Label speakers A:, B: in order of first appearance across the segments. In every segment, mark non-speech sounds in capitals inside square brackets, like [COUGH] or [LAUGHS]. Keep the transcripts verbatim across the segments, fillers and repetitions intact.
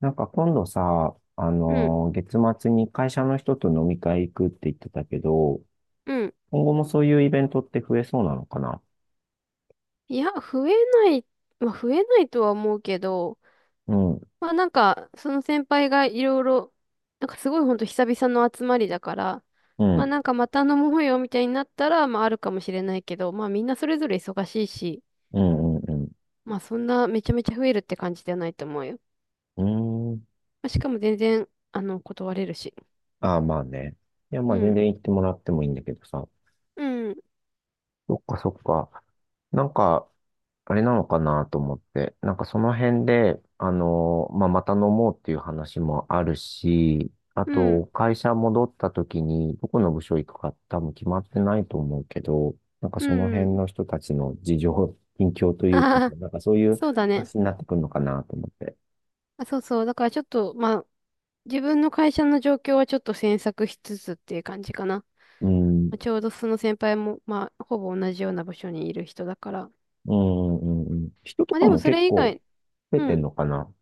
A: なんか今度さ、あ
B: うん、
A: のー月末に会社の人と飲み会行くって言ってたけど、
B: うん。
A: 今後もそういうイベントって増えそうなのかな？
B: いや、増えない、まあ、増えないとは思うけど、
A: うん、
B: まあなんか、その先輩がいろいろ、なんかすごいほんと久々の集まりだから、
A: う
B: まあ
A: ん、
B: なんかまた飲もうよみたいになったら、まああるかもしれないけど、まあみんなそれぞれ忙しいし、
A: うん、うん、
B: まあそんなめちゃめちゃ増えるって感じではないと思うよ。
A: うん。うーん。
B: まあ、しかも全然、あの、断れるし。
A: ああ、まあね。いや、ま
B: う
A: あ全
B: ん、
A: 然行ってもらってもいいんだけどさ。
B: うん、
A: そっか、そっか。なんか、あれなのかなと思って、なんかその辺で、あのまあ、また飲もうっていう話もあるし、あ
B: うん、
A: と、会社戻った時に、どこの部署行くか多分決まってないと思うけど、なんか
B: う
A: その辺
B: ん。
A: の人たちの事情、近況というか、
B: ああ、
A: なんかそう
B: [LAUGHS]
A: いう
B: そうだね。
A: 話になってくるのかなと思って。
B: あ、そうそう。だからちょっと、まあ自分の会社の状況はちょっと詮索しつつっていう感じかな。ま
A: うん、う
B: あちょうどその先輩も、まあ、ほぼ同じような場所にいる人だから。
A: ん、うん、うん。人と
B: まあ
A: か
B: でも
A: も
B: そ
A: 結
B: れ以
A: 構
B: 外、
A: 増え
B: う
A: てん
B: ん。
A: のかな？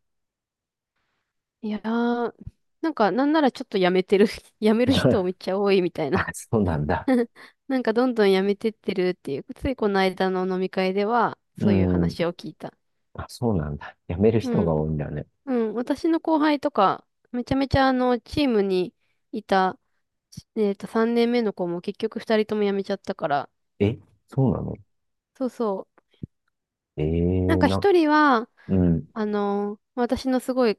B: いやー、なんかなんならちょっと辞めてる、[LAUGHS] 辞める人め
A: [LAUGHS]
B: っちゃ多いみたい
A: あ、
B: な。
A: そうなんだ。
B: [LAUGHS] なんかどんどん辞めてってるっていう、ついこの間の飲み会では
A: う
B: そういう
A: ん、
B: 話を聞いた。
A: あ、そうなんだ。辞める人
B: う
A: が
B: ん。
A: 多いんだね。
B: うん。私の後輩とか、めちゃめちゃあの、チームにいた、えっと、さんねんめの子も結局ふたりとも辞めちゃったから、
A: え、そうなの？
B: そうそう。
A: え
B: なん
A: え
B: か
A: な、
B: 一人は、
A: うん、
B: あの、私のすごい、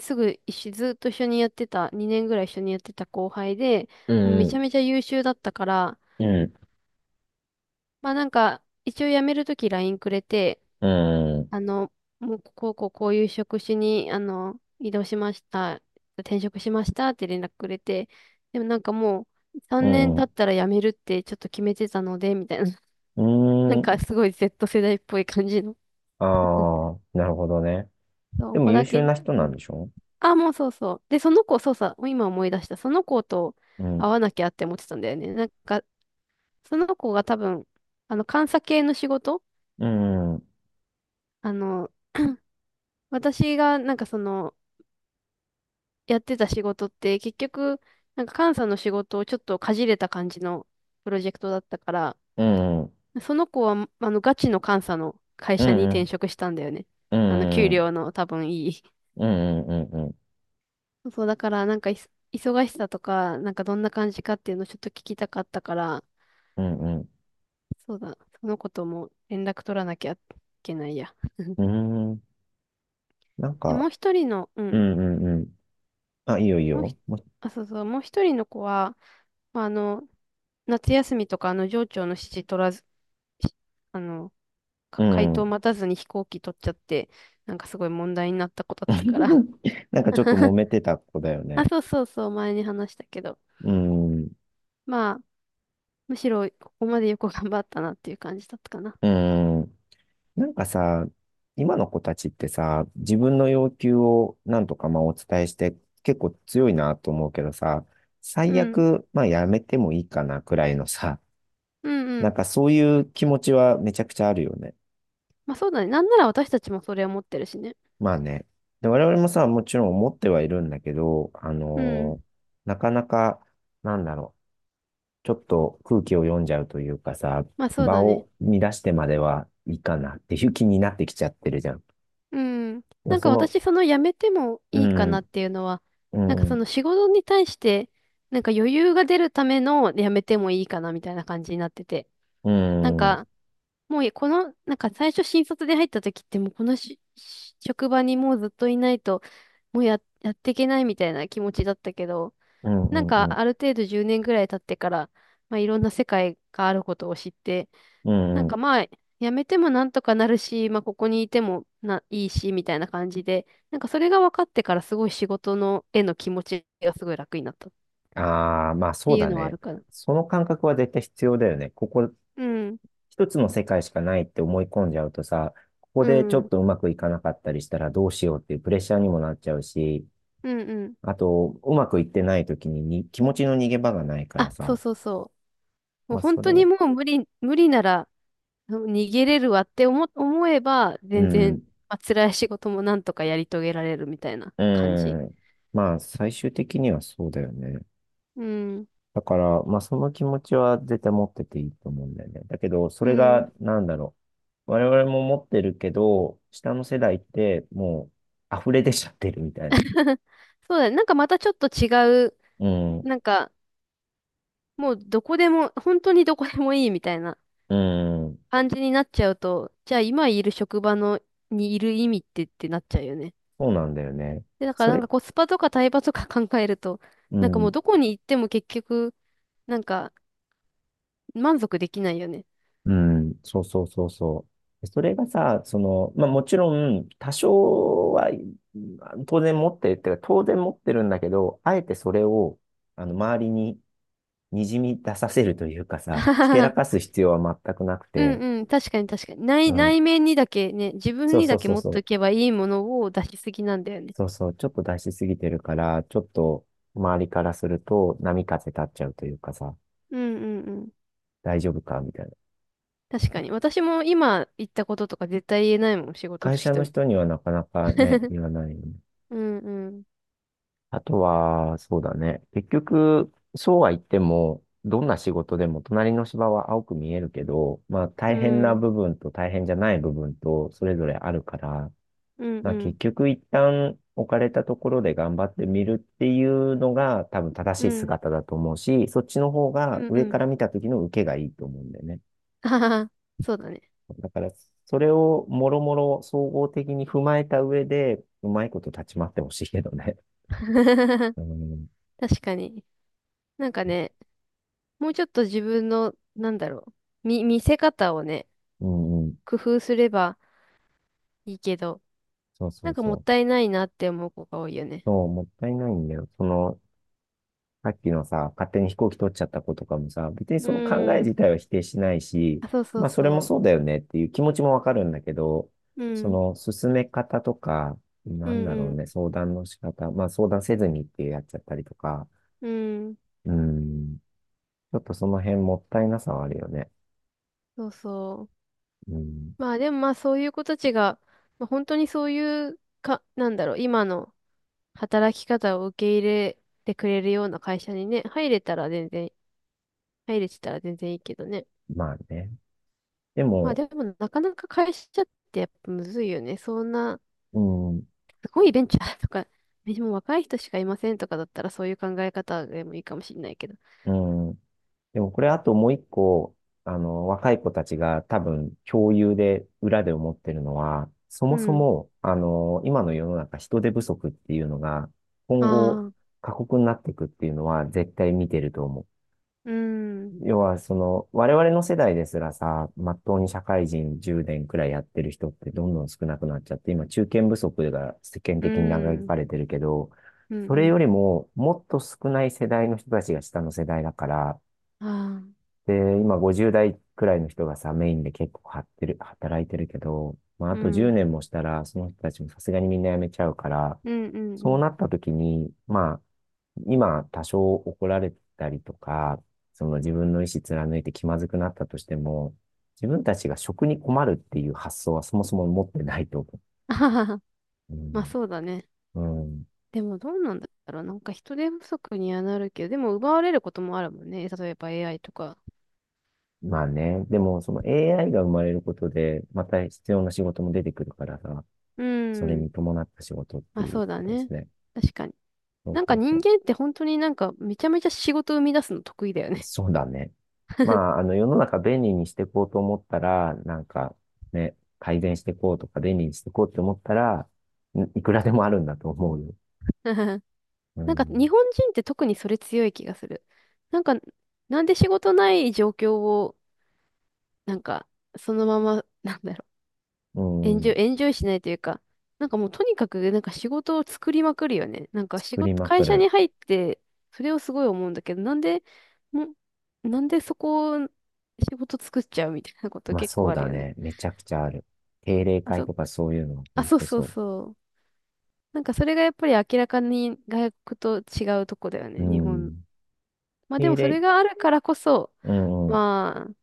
B: すぐ一緒、ずっと一緒にやってた、にねんぐらい一緒にやってた後輩で、
A: う
B: もうめち
A: ん、
B: ゃめちゃ優秀だったから、
A: うん、うん、
B: まあなんか、一応辞めるとき ライン くれて、
A: うん、
B: あの、もうこうこうこういう職種に、あの、移動しました、転職しましたって連絡くれて、でもなんかもう、
A: う
B: さんねん経っ
A: ん、
B: たら辞めるってちょっと決めてたので、みたいな、
A: う
B: [LAUGHS] なんか
A: ん、
B: すごい Z 世代っぽい感じの、
A: ああ、なるほどね。
B: そう
A: で
B: こ
A: も
B: こ
A: 優
B: だ
A: 秀
B: け、
A: な人
B: う
A: なん
B: ん。
A: でしょ？
B: あ、もうそうそう。で、その子、そうさ、今思い出した。その子と
A: う
B: 会
A: ん、
B: わなきゃって思ってたんだよね。なんか、その子が多分、あの、監査系の仕事、
A: うん、うん、
B: あの、私がなんかその、やってた仕事って、結局、なんか監査の仕事をちょっとかじれた感じのプロジェクトだったから、
A: うん、
B: その子は、あの、ガチの監査の会
A: う
B: 社に転
A: ん、
B: 職したんだよね。
A: う
B: あの、
A: ん、
B: 給
A: うん、
B: 料の多分いい。
A: うん、うん、うん、うん、
B: そう、だから、なんかいそ、忙しさとか、なんかどんな感じかっていうのをちょっと聞きたかったから、
A: うん、
B: そうだ、そのことも連絡取らなきゃいけないや。[LAUGHS]
A: うんうんなん
B: で、も
A: か、
B: う一人の、う
A: う
B: ん、
A: ん、うん、うん。あ、いいよ、いい
B: もうひ、
A: よ。も
B: あ、そうそう、もう一人の子は、まあ、あの、夏休みとか、あの、上長の指示取らず、しあの、
A: う
B: か
A: う
B: 回答
A: ん。
B: 待たずに飛行機取っちゃって、なんかすごい問題になった子だったから。
A: [LAUGHS] なんかちょっと揉
B: [LAUGHS]
A: めてた子だよ
B: あ、
A: ね。
B: そうそうそう、前に話したけど。
A: うん、
B: まあ、むしろここまでよく頑張ったなっていう感じだったかな。
A: うん、なんかさ、今の子たちってさ、自分の要求をなんとかまあお伝えして結構強いなと思うけどさ、
B: う
A: 最
B: ん。
A: 悪まあやめてもいいかなくらいのさ、
B: うんう
A: なん
B: ん。
A: かそういう気持ちはめちゃくちゃあるよね。
B: まあそうだね。なんなら私たちもそれを持ってるしね。
A: まあね。で、我々もさ、もちろん思ってはいるんだけど、あ
B: うん。
A: のーなかなか、なんだろう、ちょっと空気を読んじゃうというかさ、
B: まあそう
A: 場
B: だね。
A: を乱してまではいいかなっていう気になってきちゃってるじゃん。
B: うん。
A: いや
B: なん
A: そ
B: か
A: の、
B: 私、その辞めても
A: う
B: いいかなっ
A: ん、
B: ていうのは、なん
A: う
B: かそ
A: ん。
B: の仕事に対して、なんか余裕が出るための辞めてもいいかなみたいな感じになってて。
A: う
B: なん
A: ん、うん、
B: か、もうこの、なんか最初新卒で入った時ってもうこのしし職場にもうずっといないと、もうや、やっていけないみたいな気持ちだったけど、
A: う
B: なん
A: ん、う
B: か
A: ん、
B: ある程度じゅうねんぐらい経ってから、まあいろんな世界があることを知って、
A: う
B: な
A: ん。
B: ん
A: う
B: か
A: ん
B: まあ、やめてもなんとかなるし、まあここにいてもな、いいし、みたいな感じで、なんかそれが分かってからすごい仕事の、への気持ちがすごい楽になったっ
A: ああ、まあそ
B: て
A: う
B: いう
A: だ
B: のはあ
A: ね。
B: るかな。
A: その感覚は絶対必要だよね。ここ、
B: うん、
A: 一つの世界しかないって思い込んじゃうとさ、ここ
B: う
A: でちょ
B: ん、
A: っ
B: うん、
A: とうまくいかなかったりしたらどうしようっていうプレッシャーにもなっちゃうし、
B: うん。
A: あと、うまくいってない時にに気持ちの逃げ場がないから
B: あ、そう
A: さ、
B: そうそう。もう
A: まあ
B: 本
A: そ
B: 当
A: れ
B: に
A: は。
B: もう無理、無理ならうん逃げれるわって思、思えば、
A: う
B: 全然、
A: ん、
B: まあ、辛い仕事もなんとかやり遂げられるみたいな感じ。
A: うん。まあ最終的にはそうだよね。
B: うん、
A: だから、まあ、その気持ちは絶対持ってていいと思うんだよね。だけど、そ
B: う
A: れ
B: ん。
A: が、なんだろう。我々も持ってるけど、下の世代って、もう、溢れ出ちゃってるみたいな。
B: [LAUGHS] そうだね。なんかまたちょっと違う、
A: うん、
B: なんか、もうどこでも、本当にどこでもいいみたいな
A: うん、
B: 感じになっちゃうと、じゃあ今いる職場のにいる意味ってってなっちゃうよね。
A: そうなんだよね。
B: で、だか
A: そ
B: らなん
A: れ、
B: かコスパとかタイパとか考えると、
A: う
B: なんかもう
A: ん、
B: どこに行っても結局、なんか満足できないよね。
A: うん、そうそうそうそう。それがさ、その、まあ、もちろん、多少は、当然持ってるっていうか、当然持ってるんだけど、あえてそれを、あの、周りに、にじみ出させるというか
B: [LAUGHS] あ
A: さ、
B: は
A: ひ
B: は
A: けらか
B: は
A: す必要は全くなく
B: う
A: て、
B: んうん、確かに確かに。
A: う
B: 内、
A: ん。
B: 内面にだけね、自分
A: そう
B: に
A: そ
B: だ
A: う
B: け
A: そう
B: 持っ
A: そ
B: てお
A: う。
B: けばいいものを出しすぎなんだよね。
A: そうそう。ちょっと出しすぎてるから、ちょっと周りからすると波風立っちゃうというかさ、
B: うんうんうん。
A: 大丈夫かみたいな。
B: 確かに。私も今言ったこととか絶対言えないもん、仕事
A: 会
B: の
A: 社
B: 人
A: の
B: に。
A: 人にはなかなかね、
B: [LAUGHS]
A: 言わないよね。
B: うんうん。
A: あとは、そうだね。結局、そうは言っても、どんな仕事でも隣の芝は青く見えるけど、まあ
B: う
A: 大変な
B: ん。
A: 部分と大変じゃない部分とそれぞれあるから、
B: うん
A: ま
B: う
A: あ
B: ん。
A: 結局一旦置かれたところで頑張ってみるっていうのが多分
B: う
A: 正しい
B: ん。
A: 姿だと思うし、そっちの方
B: う
A: が
B: んう
A: 上か
B: ん。
A: ら見た時の受けがいいと思うんだよね。
B: [LAUGHS] あははそうだね。
A: だからそれをもろもろ総合的に踏まえた上で、うまいこと立ち回ってほしいけどね。
B: [LAUGHS]
A: うん、
B: 確かに。なんかね、もうちょっと自分の、なんだろう、見、見せ方をね、
A: うん、うん。
B: 工夫すればいいけど、
A: そうそ
B: な
A: う
B: んかもっ
A: そう。
B: たいないなって思う子が多いよね。
A: そう、もったいないんだよ。その、さっきのさ、勝手に飛行機取っちゃった子とかもさ、別に
B: う
A: その考え
B: ーん。
A: 自体は否定しないし、
B: あ、そうそ
A: ま
B: う
A: あそれも
B: そ
A: そうだよねっていう気持ちもわかるんだけど、
B: う。う
A: そ
B: ん。
A: の進め方とか、
B: う
A: なんだろう
B: ん
A: ね、相談の仕方、まあ相談せずにってやっちゃったりとか、
B: うん。うん。
A: うん、ちょっとその辺もったいなさはあるよね。
B: そうそう。
A: うん、
B: まあでもまあそういう子たちが、まあ、本当にそういうか、なんだろう、今の働き方を受け入れてくれるような会社にね、入れたら全然入れてたら全然いいけどね。
A: まあね。で
B: まあ
A: も、
B: でもなかなか会社ってやっぱむずいよね。そんな、
A: うん、
B: すごいベンチャーとか、[LAUGHS] でもう若い人しかいませんとかだったらそういう考え方でもいいかもしれないけど。
A: うん、でもこれあともう一個、あの、若い子たちが多分共有で裏で思ってるのは、そも
B: う
A: そ
B: ん。
A: も、あの、今の世の中人手不足っていうのが、今後
B: ああ、
A: 過酷になっていくっていうのは絶対見てると思う。
B: うん、うん、
A: 要は、その、我々の世代ですらさ、まっとうに社会人じゅうねんくらいやってる人ってどんどん少なくなっちゃって、今中堅不足が世間
B: う
A: 的に嘆
B: ん、
A: かれてるけど、
B: う
A: それ
B: ん、
A: よりももっと少ない世代の人たちが下の世代だから、
B: ああ、
A: で、今ごじゅう代くらいの人がさ、メインで結構張ってる、働いてるけど、まあ、あ
B: う
A: と
B: ん、う
A: 10
B: ん、
A: 年もしたら、その人たちもさすがにみんな辞めちゃうから、
B: うん、う
A: そう
B: ん。
A: なった時に、まあ、今多少怒られたりとか、その自分の意思貫いて気まずくなったとしても、自分たちが職に困るっていう発想はそもそも持ってないと思
B: [LAUGHS] あはは
A: う。う
B: まあ
A: ん。
B: そうだね。
A: うん。
B: でもどうなんだろう。なんか人手不足にはなるけど、でも奪われることもあるもんね。例えば エーアイ とか。
A: まあね。でも、その エーアイ が生まれることで、また必要な仕事も出てくるからさ、
B: う
A: それ
B: ん。
A: に伴った仕事って
B: まあ
A: い
B: そ
A: う
B: うだ
A: 形
B: ね。
A: で。
B: 確かに。
A: そう
B: なん
A: そ
B: か
A: う
B: 人
A: そ
B: 間って本当になんかめちゃめちゃ仕事生み出すの得意だよ
A: う。
B: ね。
A: そうだね。ま
B: [LAUGHS]
A: あ、あの、世の中便利にしていこうと思ったら、なんかね、改善していこうとか便利にしていこうって思ったら、んいくらでもあるんだと思うよ。う
B: なんか日
A: ん。
B: 本人って特にそれ強い気がする。なんか、なんで仕事ない状況を、なんか、そのまま、[LAUGHS] なんだろ
A: う
B: う、エンジョ
A: ん。
B: イ、エンジョイしないというか、なんかもうとにかくなんか仕事を作りまくるよね。なんか仕
A: 作り
B: 事、
A: まく
B: 会社
A: る。
B: に入って、それをすごい思うんだけど、なんで、もなんでそこを仕事作っちゃうみたいなこと
A: まあ
B: 結
A: そ
B: 構
A: う
B: ある
A: だ
B: よね。
A: ね。めちゃくちゃある。定例
B: あ、
A: 会
B: そ、
A: とかそういうのは
B: あ、
A: 本
B: そう
A: 当
B: そう
A: そ
B: そう。なんかそれがやっぱり明らかに外国と違うとこだよ
A: う。
B: ね、日
A: う
B: 本。
A: ん。
B: まあで
A: 定
B: もそ
A: 例。
B: れがあるからこそ、
A: うん
B: まあ、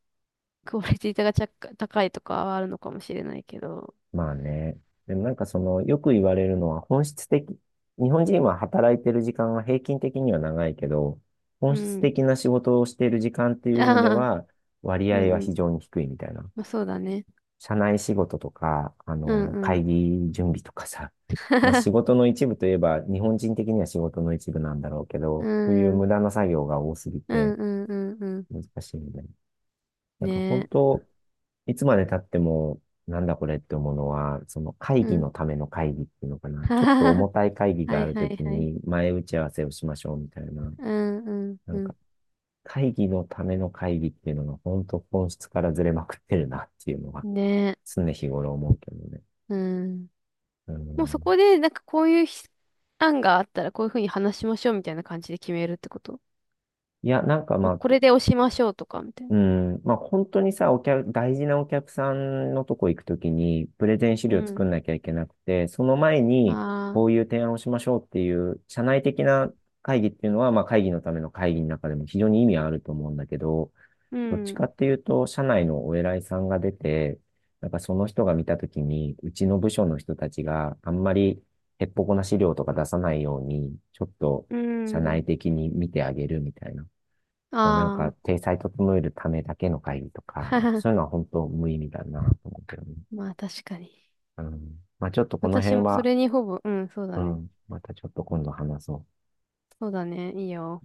B: クオリティがちゃ高いとかはあるのかもしれないけど。
A: まあね。でもなんかその、よく言われるのは本質的、日本人は働いてる時間は平均的には長いけど、
B: う
A: 本質
B: ん。
A: 的な仕事をしている時間ってい
B: [LAUGHS]
A: う意味で
B: ああ、うん
A: は、割
B: う
A: 合は非
B: ん。
A: 常に低いみたいな。
B: まあそうだね。
A: 社内仕事とか、あ
B: うん
A: の、
B: う
A: 会
B: ん。
A: 議準備とかさ、まあ仕
B: [LAUGHS]
A: 事の一部といえば、日本人的には仕事の一部なんだろうけ
B: う
A: ど、そういう
B: ん。
A: 無駄な作業が多すぎ
B: うん
A: て
B: うんうんうん。
A: 難しいんだよね。なんか本
B: ね
A: 当、いつまで経っても、なんだこれって思うのは、その会
B: え。う
A: 議
B: ん。
A: のための会議っていうのかな。
B: [LAUGHS] は
A: ちょっと
B: はは。
A: 重たい会議
B: は
A: があ
B: い
A: る
B: は
A: と
B: い
A: き
B: はい。
A: に前打ち合わせをしましょうみたいな。
B: うんうん
A: な
B: う
A: んか
B: ん。
A: 会議のための会議っていうのが本当本質からずれまくってるなっていうのは
B: ねえ。
A: 常日頃思うけどね。
B: うん。
A: う
B: もうそ
A: ん。
B: こで、なんかこういうひ案があったらこういうふうに話しましょうみたいな感じで決めるってこと、
A: いや、なんか
B: まあ、
A: まあ
B: これで押しましょうとか、みたい
A: う
B: な。
A: ん。まあ、本当にさ、お客、大事なお客さんのとこ行くときに、プレゼン資
B: う
A: 料作
B: ん。
A: んなきゃいけなくて、その前に、
B: あ
A: こ
B: あ、
A: ういう提案をしましょうっていう、社内的な会議っていうのは、まあ、会議のための会議の中でも非常に意味はあると思うんだけど、
B: う
A: どっちか
B: ん、
A: っていうと、社内のお偉いさんが出て、なんかその人が見たときに、うちの部署の人たちがあんまりへっぽこな資料とか出さないように、ちょっと
B: う
A: 社
B: ん、
A: 内的に見てあげるみたいな。なんか、
B: あ
A: 体裁整えるためだけの会議とか、なんか
B: あ、
A: そういうの
B: [LAUGHS]
A: は本当無意味だなと思うけどね。
B: まあ確かに。
A: うん。まあちょっとこの
B: 私
A: 辺
B: もそ
A: は、
B: れにほぼ、うん、そうだ
A: う
B: ね。
A: ん。またちょっと今度話そう。
B: そうだね、いいよ。